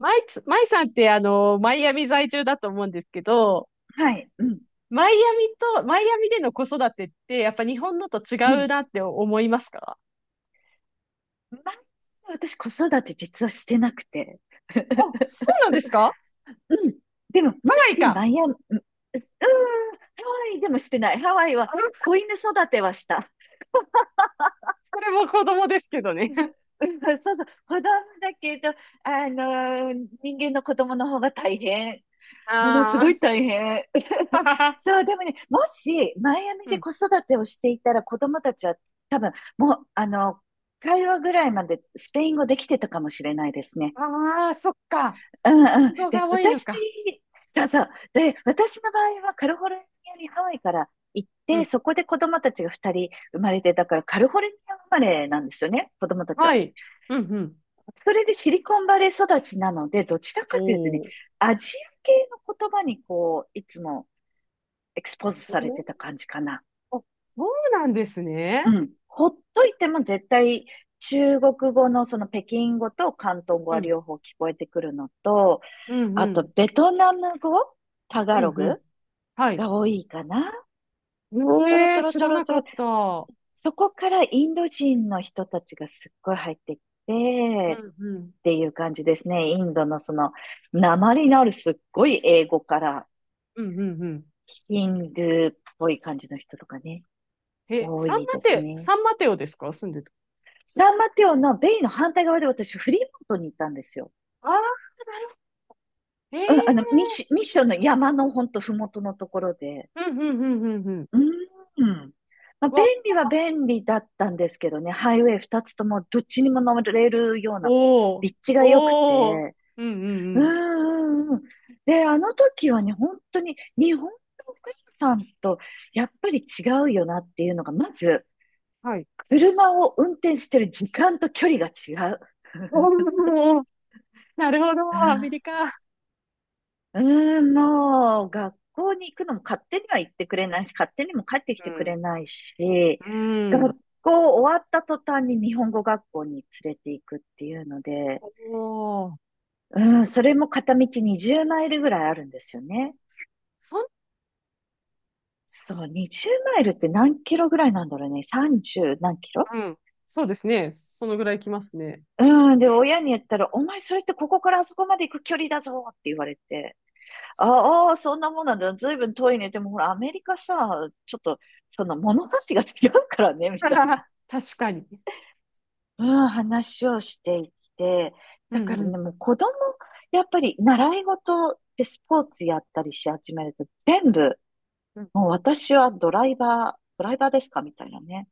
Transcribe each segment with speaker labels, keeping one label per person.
Speaker 1: マイさんってマイアミ在住だと思うんですけど、
Speaker 2: はい。うん。
Speaker 1: マイアミでの子育てって、やっぱ日本のと違
Speaker 2: うん。
Speaker 1: うなって思いますか？
Speaker 2: 前私子育て実はしてなくて。
Speaker 1: あ、そ うなんですか？
Speaker 2: うん。でも、
Speaker 1: ハ
Speaker 2: も
Speaker 1: ワイ
Speaker 2: し
Speaker 1: か。
Speaker 2: マイアミ、うん、ハワイでもしてない。ハワイは
Speaker 1: あの、
Speaker 2: 子犬育てはした。
Speaker 1: それも子供ですけどね。
Speaker 2: うん、そうそう。子供だけど、人間の子供の方が大変。ものすご
Speaker 1: あ
Speaker 2: い大変。
Speaker 1: あ、
Speaker 2: そう、でもね、もしマイア ミ
Speaker 1: う
Speaker 2: で
Speaker 1: ん。
Speaker 2: 子育てをしていたら子供たちは多分、もう、あの、会話ぐらいまでスペイン語できてたかもしれないですね。
Speaker 1: ああ、そっか。
Speaker 2: うんうん。
Speaker 1: 子
Speaker 2: で、
Speaker 1: が多いの
Speaker 2: 私、
Speaker 1: か。
Speaker 2: そうそう。で、私の場合はカリフォルニアにハワイから行っ
Speaker 1: う
Speaker 2: て、
Speaker 1: ん。
Speaker 2: そこで子供たちが2人生まれて、だからカリフォルニア生まれなんですよね、子供たちは。
Speaker 1: はい。うん、うん。
Speaker 2: それでシリコンバレー育ちなので、どちら
Speaker 1: お
Speaker 2: かというとね、
Speaker 1: ー
Speaker 2: アジア系の言葉にこう、いつもエクスポーズされて
Speaker 1: お。
Speaker 2: た感じかな。
Speaker 1: あ、そうなんです
Speaker 2: う
Speaker 1: ね。
Speaker 2: ん。ほっといても絶対中国語のその北京語と広東語
Speaker 1: う
Speaker 2: は
Speaker 1: ん。
Speaker 2: 両方聞こえてくるのと、
Speaker 1: うん、
Speaker 2: あ
Speaker 1: う
Speaker 2: と
Speaker 1: ん。
Speaker 2: ベトナム語、タガ
Speaker 1: う
Speaker 2: ロ
Speaker 1: ん、うん。
Speaker 2: グ
Speaker 1: はい。
Speaker 2: が多いかな。ちょろ
Speaker 1: え
Speaker 2: ちょ
Speaker 1: え、
Speaker 2: ろ
Speaker 1: 知
Speaker 2: ちょ
Speaker 1: ら
Speaker 2: ろ
Speaker 1: な
Speaker 2: ちょ
Speaker 1: か
Speaker 2: ろ。
Speaker 1: った。うん、
Speaker 2: そこからインド人の人たちがすっごい入ってき
Speaker 1: う
Speaker 2: て、
Speaker 1: ん。
Speaker 2: っていう感じですね。インドのその、訛りのあるすっごい英語から、
Speaker 1: うんうんうん。
Speaker 2: ヒンドゥーっぽい感じの人とかね、
Speaker 1: え、
Speaker 2: 多いですね。
Speaker 1: サンマテオですか住んでる？
Speaker 2: サンマテオのベイの反対側で私、フリーモントに行ったんですよ。
Speaker 1: ああー、なるほど。ええ
Speaker 2: うん、ミッションの山のほんとふもとのところで、
Speaker 1: うんうんうんうんうん。
Speaker 2: うーん。まあ、便
Speaker 1: わ、
Speaker 2: 利は便利だったんですけどね、ハイウェイ二つともどっちにも乗れるような、こ
Speaker 1: お
Speaker 2: う、
Speaker 1: ー、
Speaker 2: 立地が良くて。
Speaker 1: おー、うんうん
Speaker 2: う
Speaker 1: う
Speaker 2: ん
Speaker 1: ん。
Speaker 2: うんうん。で、あの時はね、本当に日本のお母さんとやっぱり違うよなっていうのが、まず、
Speaker 1: はい。
Speaker 2: 車を運転してる時間と距離が違う。
Speaker 1: おー、なるほど、アメリカ。
Speaker 2: うーん、もう、学校に行くのも勝手には行ってくれないし、勝手にも帰ってき
Speaker 1: う
Speaker 2: てく
Speaker 1: ん。
Speaker 2: れないし、
Speaker 1: うん。
Speaker 2: 学校終わった途端に日本語学校に連れて行くっていうので、
Speaker 1: おー、
Speaker 2: うん、それも片道20マイルぐらいあるんですよね。
Speaker 1: そん、
Speaker 2: そう、20マイルって何キロぐらいなんだろうね。30何キロ。
Speaker 1: うん。そうですね。そのぐらい来ますね。
Speaker 2: うん、で、親に言ったら、お前それってここからあそこまで行く距離だぞって言われて、ああー、そんなもんなんだ。ずいぶん遠いね。でもほら、アメリカさ、ちょっと、その物差しが違うからね、みたい な、
Speaker 1: 確かに。
Speaker 2: うん、話をしていて。
Speaker 1: うん
Speaker 2: だから
Speaker 1: うん。
Speaker 2: ね、もう子供、やっぱり習い事でスポーツやったりし始めると、全部、
Speaker 1: うんう
Speaker 2: もう
Speaker 1: ん。
Speaker 2: 私はドライバー、ドライバーですかみたいなね。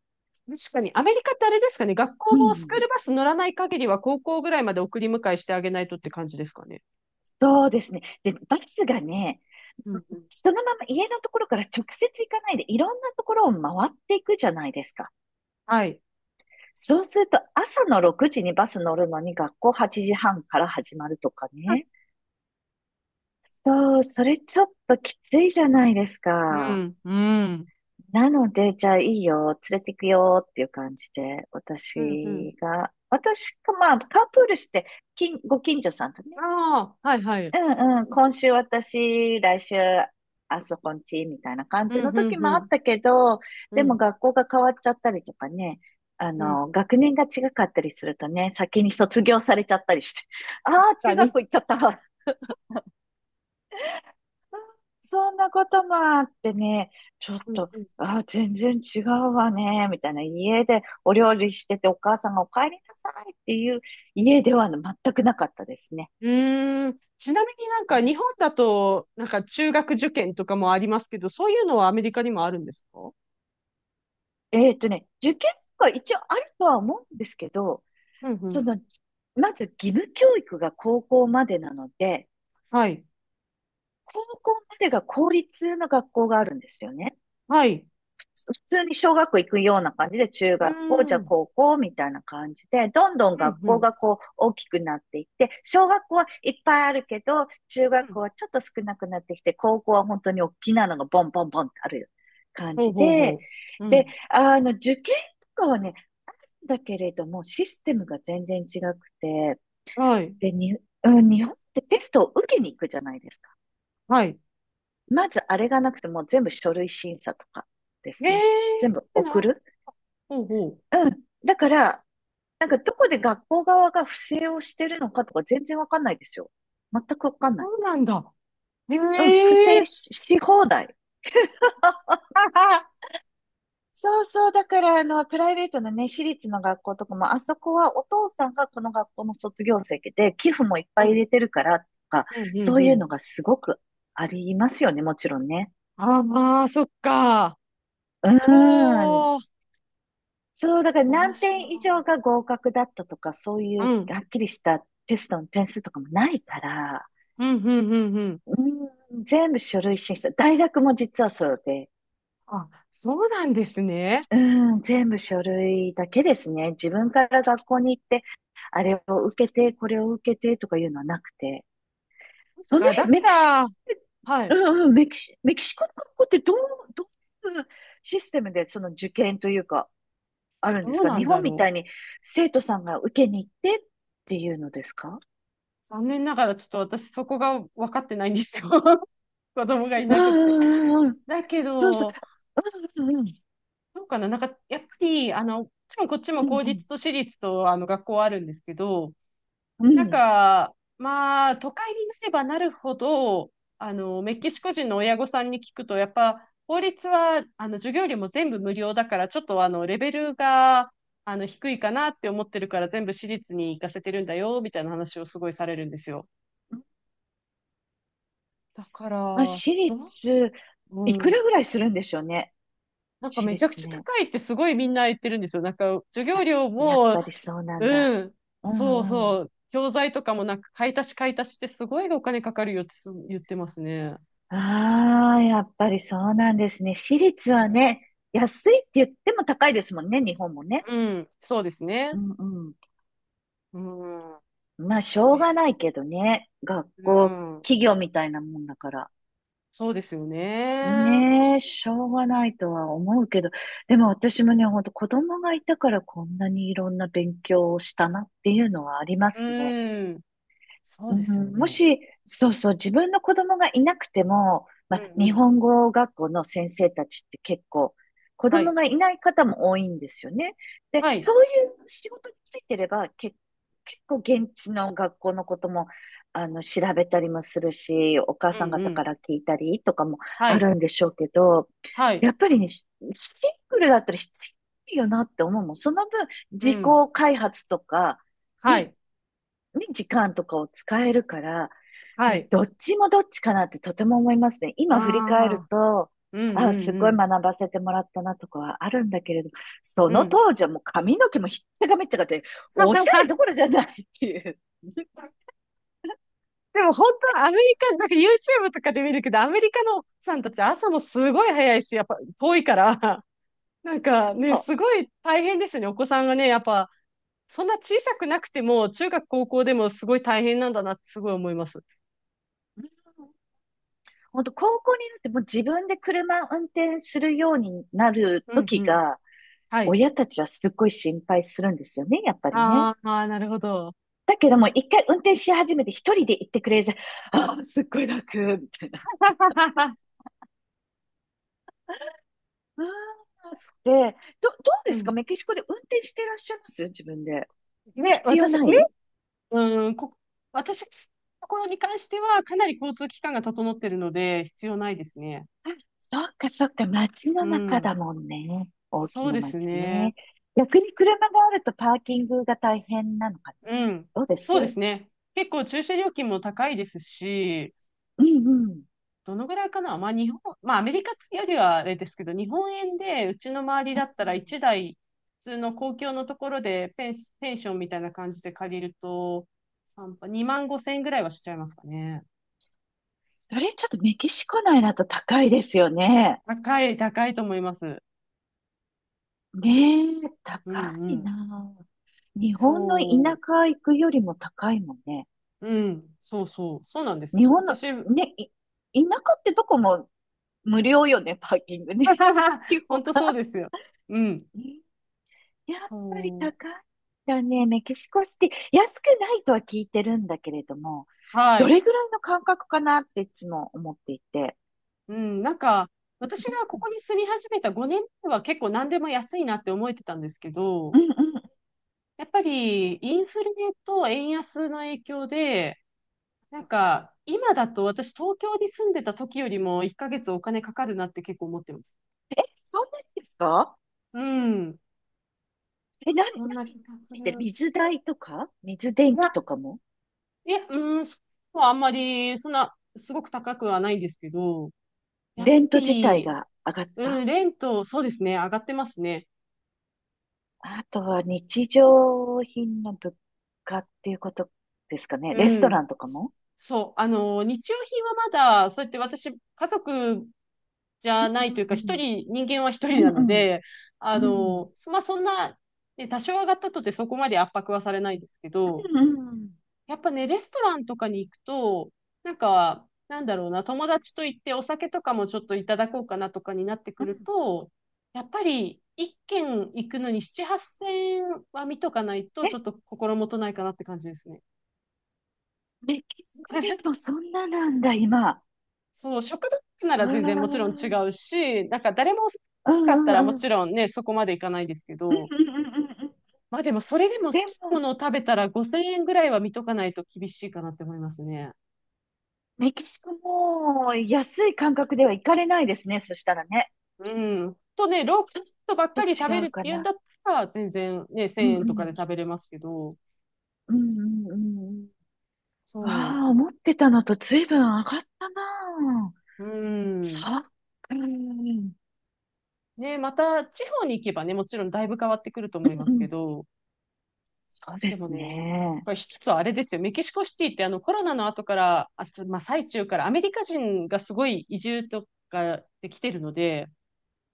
Speaker 1: 確かに、アメリカってあれですかね、学校
Speaker 2: う
Speaker 1: もスクー
Speaker 2: ん、
Speaker 1: ルバス乗らない限りは高校ぐらいまで送り迎えしてあげないとって感じですかね。
Speaker 2: そうですね。で、バスがね、
Speaker 1: うんうん。
Speaker 2: そのまま家のところから直接行かないで、いろんなところを回っていくじゃないですか。
Speaker 1: はい。
Speaker 2: そうすると朝の6時にバス乗るのに学校8時半から始まるとかね。そう、それちょっときついじゃないです
Speaker 1: う
Speaker 2: か。
Speaker 1: ん、うん。
Speaker 2: なので、じゃあいいよ、連れてくよっていう感じで、
Speaker 1: うん、うん。
Speaker 2: 私がまあ、カープールして、近所さんと
Speaker 1: あ
Speaker 2: ね、
Speaker 1: あ、はい、はい。
Speaker 2: うんうん、今週私、来週、あそこんち、みたいな感
Speaker 1: うん、
Speaker 2: じ
Speaker 1: う
Speaker 2: の
Speaker 1: ん、
Speaker 2: 時
Speaker 1: う
Speaker 2: もあっ
Speaker 1: ん。
Speaker 2: たけど、
Speaker 1: う
Speaker 2: でも
Speaker 1: ん、
Speaker 2: 学校が変わっちゃったりとかね、あ
Speaker 1: うん。
Speaker 2: の、学年が違かったりするとね、先に卒業されちゃったりして、
Speaker 1: 確
Speaker 2: ああ、
Speaker 1: か
Speaker 2: 中学
Speaker 1: に。
Speaker 2: 校行っちゃったわ。そんなこともあってね、ちょっ
Speaker 1: うん、
Speaker 2: と、
Speaker 1: うん。
Speaker 2: ああ、全然違うわね、みたいな。家でお料理してて、お母さんがお帰りなさいっていう家では全くなかったですね。
Speaker 1: うーん。ちなみになんか日本だと、なんか中学受験とかもありますけど、そういうのはアメリカにもあるんですか？
Speaker 2: 受験が一応あるとは思うんですけど、
Speaker 1: うん、う
Speaker 2: そ
Speaker 1: ん。
Speaker 2: の、まず義務教育が高校までなので、
Speaker 1: はい。
Speaker 2: 高校までが公立の学校があるんですよね。
Speaker 1: はい。
Speaker 2: 普通に小学校行くような感じで、中
Speaker 1: うー
Speaker 2: 学校、じ
Speaker 1: ん。
Speaker 2: ゃ
Speaker 1: う
Speaker 2: あ
Speaker 1: ん、
Speaker 2: 高校みたいな感じで、どんどん
Speaker 1: う
Speaker 2: 学校
Speaker 1: ん。
Speaker 2: がこう大きくなっていって、小学校はいっぱいあるけど、中
Speaker 1: う
Speaker 2: 学
Speaker 1: ん。
Speaker 2: 校はちょっと少なくなってきて、高校は本当に大きなのがボンボンボンってある感
Speaker 1: ほう
Speaker 2: じ
Speaker 1: ほう
Speaker 2: で、
Speaker 1: ほう。う
Speaker 2: で、
Speaker 1: ん。
Speaker 2: あの、受験とかはね、だけれども、システムが全然違くて、
Speaker 1: はい。
Speaker 2: で、に、うん、日本ってテストを受けに行くじゃないですか。
Speaker 1: はい。
Speaker 2: まずあれがなくてもう全部書類審査とかです
Speaker 1: え
Speaker 2: ね。全部
Speaker 1: え、
Speaker 2: 送
Speaker 1: なる
Speaker 2: る。
Speaker 1: ほど。
Speaker 2: うん。だから、なんかどこで学校側が不正をしてるのかとか全然わかんないですよ。全くわかんな
Speaker 1: そ
Speaker 2: い。
Speaker 1: うなんだ。え
Speaker 2: うん、不
Speaker 1: え
Speaker 2: 正し、し放題。あ、
Speaker 1: はは。
Speaker 2: そうそう。だから、あの、プライベートのね、私立の学校とかも、あそこはお父さんがこの学校の卒業生で、寄付もいっ
Speaker 1: う
Speaker 2: ぱい入
Speaker 1: ん、
Speaker 2: れてるからとか、
Speaker 1: うん、う
Speaker 2: そ
Speaker 1: ん、
Speaker 2: う
Speaker 1: う
Speaker 2: いう
Speaker 1: ん。
Speaker 2: のがすごくありますよね、もちろんね。
Speaker 1: あ、まあ、そっか。
Speaker 2: うーん。
Speaker 1: ほう。
Speaker 2: そう、だから
Speaker 1: 面
Speaker 2: 何
Speaker 1: 白い。
Speaker 2: 点以上が合格だったとか、そうい
Speaker 1: う
Speaker 2: う
Speaker 1: ん、
Speaker 2: はっきりしたテストの点数とかもないから、
Speaker 1: うん、うん、うん、うん。
Speaker 2: うん、全部書類審査。大学も実はそうで、
Speaker 1: あ、そうなんですね。
Speaker 2: うん、全部書類だけですね。自分から学校に行って、あれを受けて、これを受けてとかいうのはなくて、その
Speaker 1: が、
Speaker 2: 辺、
Speaker 1: だか
Speaker 2: メキシコっ
Speaker 1: ら、
Speaker 2: て、
Speaker 1: は
Speaker 2: う
Speaker 1: い。
Speaker 2: んうん、メキシコの学校ってどう、どういうシステムでその受験というか、あるん
Speaker 1: ど
Speaker 2: です
Speaker 1: う
Speaker 2: か
Speaker 1: な
Speaker 2: 日
Speaker 1: んだ
Speaker 2: 本み
Speaker 1: ろ
Speaker 2: た
Speaker 1: う。
Speaker 2: いに生徒さんが受けに行ってっていうのですか。
Speaker 1: 残念ながら、ちょっと私そこが分かってないんですよ。子供がい
Speaker 2: うん
Speaker 1: なくって。
Speaker 2: うんうんうん。
Speaker 1: だけ
Speaker 2: そうそう。
Speaker 1: ど、
Speaker 2: うんうんうん。
Speaker 1: どうかな、なんか、やっぱり、もちろんこっちも
Speaker 2: うん
Speaker 1: 公
Speaker 2: う
Speaker 1: 立と私立と、学校あるんですけど、
Speaker 2: ん。う
Speaker 1: なん
Speaker 2: ん。
Speaker 1: か、まあ、都会になればなるほど、メキシコ人の親御さんに聞くと、やっぱ、公立は、授業料も全部無料だから、ちょっと、レベルが、低いかなって思ってるから、全部私立に行かせてるんだよ、みたいな話をすごいされるんですよ。だか
Speaker 2: まあ、
Speaker 1: ら、
Speaker 2: 私立、いく
Speaker 1: うん。
Speaker 2: らぐらいするんでしょうね。
Speaker 1: なんか
Speaker 2: 私
Speaker 1: めちゃく
Speaker 2: 立
Speaker 1: ちゃ
Speaker 2: ね。
Speaker 1: 高いってすごいみんな言ってるんですよ。なんか授業
Speaker 2: あ、
Speaker 1: 料
Speaker 2: やっ
Speaker 1: も、
Speaker 2: ぱりそうなん
Speaker 1: う
Speaker 2: だ。
Speaker 1: ん。
Speaker 2: う
Speaker 1: そう
Speaker 2: んうん。
Speaker 1: そう。教材とかもなんか買い足し買い足しってすごいお金かかるよって言ってますね。
Speaker 2: ああ、やっぱりそうなんですね。私立
Speaker 1: うん。
Speaker 2: はね、安いって言っても高いですもんね、日本もね。
Speaker 1: うん。そうです
Speaker 2: う
Speaker 1: ね。
Speaker 2: んうん。
Speaker 1: うん。
Speaker 2: まあ、しょうがないけどね。学
Speaker 1: う
Speaker 2: 校、
Speaker 1: ん。
Speaker 2: 企業みたいなもんだから。
Speaker 1: そうですよね。
Speaker 2: ねえ、しょうがないとは思うけど、でも私もね、ほんと子供がいたからこんなにいろんな勉強をしたなっていうのはありますね。
Speaker 1: うん。そう
Speaker 2: う
Speaker 1: ですよ
Speaker 2: ん、も
Speaker 1: ね。
Speaker 2: し、そうそう、自分の子供がいなくても、
Speaker 1: う
Speaker 2: ま
Speaker 1: ん
Speaker 2: あ、
Speaker 1: う
Speaker 2: 日
Speaker 1: ん。
Speaker 2: 本語学校の先生たちって結構、子
Speaker 1: は
Speaker 2: 供
Speaker 1: い。
Speaker 2: がいない方も多いんですよね。で、
Speaker 1: はい。
Speaker 2: そういう仕事についてれば、結構現地の学校のことも、あの、調べたりもするし、お母
Speaker 1: う
Speaker 2: さん
Speaker 1: んう
Speaker 2: 方か
Speaker 1: ん。
Speaker 2: ら聞いたりとかも
Speaker 1: は
Speaker 2: あ
Speaker 1: い。
Speaker 2: るんでしょうけど、
Speaker 1: はい。
Speaker 2: やっぱりね、シングルだったら必要ないよなって思うもん。その分、
Speaker 1: う
Speaker 2: 自己
Speaker 1: ん。
Speaker 2: 開発とか
Speaker 1: は
Speaker 2: に
Speaker 1: い。
Speaker 2: に時間とかを使えるから、
Speaker 1: はい。
Speaker 2: どっちもどっちかなってとても思いますね。今
Speaker 1: あ
Speaker 2: 振り返る
Speaker 1: あ。
Speaker 2: と、
Speaker 1: うんう
Speaker 2: あ、す
Speaker 1: んう
Speaker 2: ごい
Speaker 1: ん。
Speaker 2: 学ばせてもらったなとかはあるんだけれど、そ
Speaker 1: う
Speaker 2: の
Speaker 1: ん。
Speaker 2: 当時はもう髪の毛もひっちゃかめっちゃかって、おしゃれ どころじゃないっていう。
Speaker 1: でも本当のアメリカ、なんか YouTube とかで見るけど、アメリカの奥さんたち朝もすごい早いし、やっぱ遠いから、なんかね、
Speaker 2: そ
Speaker 1: すごい大変ですよね。お子さんがね、やっぱ、そんな小さくなくても、中学、高校でもすごい大変なんだなってすごい思います。
Speaker 2: う。本当高校になってもう自分で車を運転するようになる
Speaker 1: うんう
Speaker 2: 時
Speaker 1: ん。
Speaker 2: が、
Speaker 1: はい。
Speaker 2: 親たちはすっごい心配するんですよね、やっぱりね。
Speaker 1: あーあ、なるほど。
Speaker 2: だけども、一回運転し始めて一人で行ってくれるあ、すっごい楽、みたいな。で、ど、どう
Speaker 1: う
Speaker 2: ですか
Speaker 1: ん。
Speaker 2: メキシコで運転してらっしゃいます自分で。
Speaker 1: で、
Speaker 2: 必要ない
Speaker 1: うん、私、ところに関しては、かなり交通機関が整っているので、必要ないですね。
Speaker 2: あ、そっかそっか、街
Speaker 1: う
Speaker 2: の中
Speaker 1: ん。
Speaker 2: だもんね。大き
Speaker 1: そう
Speaker 2: な
Speaker 1: で
Speaker 2: 街
Speaker 1: すね。
Speaker 2: ね。逆に車があるとパーキングが大変なのかな。
Speaker 1: うん。
Speaker 2: どうで
Speaker 1: そうで
Speaker 2: す。
Speaker 1: すね。結構駐車料金も高いですし、
Speaker 2: うんうん。
Speaker 1: どのぐらいかな。まあ日本、まあアメリカよりはあれですけど、日本円でうちの周りだった
Speaker 2: う
Speaker 1: ら
Speaker 2: ん。
Speaker 1: 1台、普通の公共のところでペンションみたいな感じで借りると、2万5千円ぐらいはしちゃいますかね。
Speaker 2: それちょっとメキシコ内だと高いですよね。
Speaker 1: 高い、高いと思います。
Speaker 2: ねえ、
Speaker 1: う
Speaker 2: 高
Speaker 1: んう
Speaker 2: い
Speaker 1: ん。
Speaker 2: なあ。日本の田
Speaker 1: そ
Speaker 2: 舎行くよりも高いもんね。
Speaker 1: う、うん、そうそう、そうなんです。
Speaker 2: 日本の、
Speaker 1: 私、
Speaker 2: ね、い田舎ってどこも無料よね、パーキングね。基本。
Speaker 1: 本当そうですよ。うん、
Speaker 2: やっぱり高
Speaker 1: そう。
Speaker 2: いんだね。メキシコシティ。安くないとは聞いてるんだけれども、
Speaker 1: は
Speaker 2: ど
Speaker 1: い。
Speaker 2: れぐらいの感覚かなっていつも思っていて。
Speaker 1: うん、なんか、私がここ
Speaker 2: う
Speaker 1: に住み始めた5年目は結構何でも安いなって思えてたんですけど、
Speaker 2: んうんうん。
Speaker 1: やっぱりインフレと円安の影響で、なんか今だと私東京に住んでた時よりも1ヶ月お金かかるなって結構思ってます。
Speaker 2: そんなにですか。
Speaker 1: うん。
Speaker 2: え、何
Speaker 1: そんな気
Speaker 2: に
Speaker 1: がす
Speaker 2: ついてる
Speaker 1: る。
Speaker 2: 水代とか水
Speaker 1: い
Speaker 2: 電
Speaker 1: や、
Speaker 2: 気とかも
Speaker 1: いや、うん、そこはあんまり、そんな、すごく高くはないんですけど、やっぱ
Speaker 2: レント自体
Speaker 1: り、
Speaker 2: が上がっ
Speaker 1: う
Speaker 2: た
Speaker 1: ん、レント、そうですね、上がってますね。
Speaker 2: あとは日常品の物価っていうことですかね。
Speaker 1: う
Speaker 2: レストラ
Speaker 1: ん。
Speaker 2: ンとかも
Speaker 1: そう。日用品はまだ、そうやって私、家族じゃ
Speaker 2: う
Speaker 1: ない
Speaker 2: ん
Speaker 1: という
Speaker 2: う
Speaker 1: か、
Speaker 2: ん。
Speaker 1: 人間は一
Speaker 2: う
Speaker 1: 人
Speaker 2: ん
Speaker 1: なの
Speaker 2: うん。
Speaker 1: で、
Speaker 2: うん。
Speaker 1: まあ、そんな、ね、多少上がったとてそこまで圧迫はされないですけど、
Speaker 2: うん。
Speaker 1: やっぱね、レストランとかに行くと、なんか、なんだろうな、友達と行ってお酒とかもちょっといただこうかなとかになってく
Speaker 2: う
Speaker 1: る
Speaker 2: ん。
Speaker 1: と、やっぱり、一軒行くのに7、8000は見とかないと、
Speaker 2: え、
Speaker 1: ちょっと心もとないかなって感じですね。
Speaker 2: メキシコでもそんななんだ、今。
Speaker 1: そう、食堂な
Speaker 2: う
Speaker 1: ら
Speaker 2: わ
Speaker 1: 全然もちろん違
Speaker 2: ー。
Speaker 1: うし、なんか誰も好き
Speaker 2: うん
Speaker 1: かった
Speaker 2: う
Speaker 1: ら
Speaker 2: ん
Speaker 1: も
Speaker 2: うん。
Speaker 1: ちろんね、そこまでいかないですけ
Speaker 2: う
Speaker 1: ど、
Speaker 2: んうんうんうんうん。
Speaker 1: まあでもそれでも好
Speaker 2: で
Speaker 1: きなも
Speaker 2: も、
Speaker 1: のを食べたら5000円ぐらいは見とかないと厳しいかなって思いますね。
Speaker 2: メキシコも安い感覚では行かれないですね、そしたらね。
Speaker 1: うん。とね、ローカ
Speaker 2: ち
Speaker 1: ルばっ
Speaker 2: ょ
Speaker 1: か
Speaker 2: っと
Speaker 1: り食べ
Speaker 2: 違
Speaker 1: る
Speaker 2: う
Speaker 1: っ
Speaker 2: か
Speaker 1: ていうんだ
Speaker 2: な。
Speaker 1: ったら全然ね、
Speaker 2: う
Speaker 1: 1000
Speaker 2: んう
Speaker 1: 円とかで
Speaker 2: ん。
Speaker 1: 食べれますけど、
Speaker 2: うんうんうんうん。
Speaker 1: そ
Speaker 2: わあ、思ってたのと随分上がったなあ。
Speaker 1: う。うん。
Speaker 2: そう。うん。うん
Speaker 1: ね、また地方に行けばね、もちろんだいぶ変わってくると思いま
Speaker 2: う
Speaker 1: すけ
Speaker 2: ん。
Speaker 1: ど、
Speaker 2: そうで
Speaker 1: でも
Speaker 2: す
Speaker 1: ね、
Speaker 2: ね。
Speaker 1: これ一つはあれですよ。メキシコシティってあのコロナの後から、まあ、最中からアメリカ人がすごい移住とかできてるので、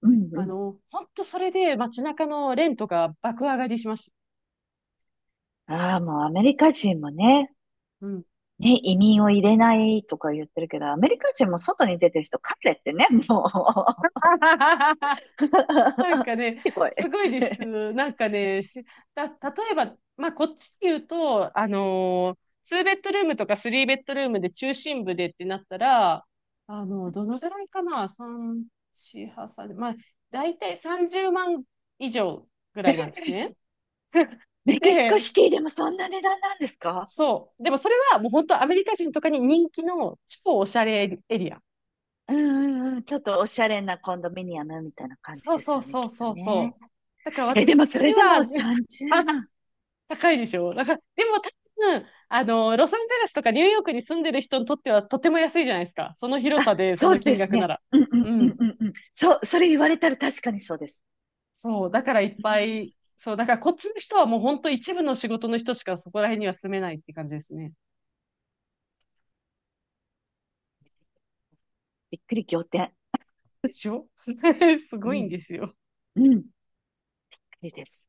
Speaker 2: うんうん。
Speaker 1: 本当それで街中のレントが爆上がりしました。
Speaker 2: ああ、もうアメリカ人もね、
Speaker 1: うん。
Speaker 2: ね、移民を入れないとか言ってるけど、アメリカ人も外に出てる人、帰れってね、もう。
Speaker 1: なんかね、
Speaker 2: すごい。
Speaker 1: すごいです。なんかね、例えば、まあ、こっちで言うと、2ベッドルームとか3ベッドルームで中心部でってなったら、どのぐらいかな？ 3、4、8、3、まあ、だいたい30万以上ぐらいなんです ね。
Speaker 2: メキシコ
Speaker 1: で、
Speaker 2: シティでもそんな値段なんですか。
Speaker 1: そう。でもそれはもう本当アメリカ人とかに人気の超おしゃれエリア。
Speaker 2: うんうんうん。ちょっとおしゃれなコンドミニアムみたいな感じ
Speaker 1: そう
Speaker 2: で
Speaker 1: そ
Speaker 2: す
Speaker 1: う
Speaker 2: よね、
Speaker 1: そ
Speaker 2: き
Speaker 1: う
Speaker 2: っと
Speaker 1: そう
Speaker 2: ね。
Speaker 1: そう。だから
Speaker 2: え、で
Speaker 1: 私
Speaker 2: も
Speaker 1: た
Speaker 2: そ
Speaker 1: ち
Speaker 2: れ
Speaker 1: に
Speaker 2: で
Speaker 1: は、
Speaker 2: も30 万。
Speaker 1: 高いでしょなんから、でも多分、ロサンゼルスとかニューヨークに住んでる人にとってはとても安いじゃないですか。その広
Speaker 2: あ、
Speaker 1: さで、そ
Speaker 2: そ
Speaker 1: の
Speaker 2: う
Speaker 1: 金
Speaker 2: です
Speaker 1: 額な
Speaker 2: ね。
Speaker 1: ら。
Speaker 2: うんうん
Speaker 1: う
Speaker 2: うん
Speaker 1: ん。
Speaker 2: うんうん。そう、それ言われたら確かにそうです。
Speaker 1: そう、だからいっ
Speaker 2: う
Speaker 1: ぱ
Speaker 2: ん。
Speaker 1: い、そう、だからこっちの人はもう本当一部の仕事の人しかそこら辺には住めないって感じですね。
Speaker 2: びっくり仰天。
Speaker 1: でしょ？ す
Speaker 2: う
Speaker 1: ごいん
Speaker 2: ん、
Speaker 1: ですよ。
Speaker 2: うん、いいです。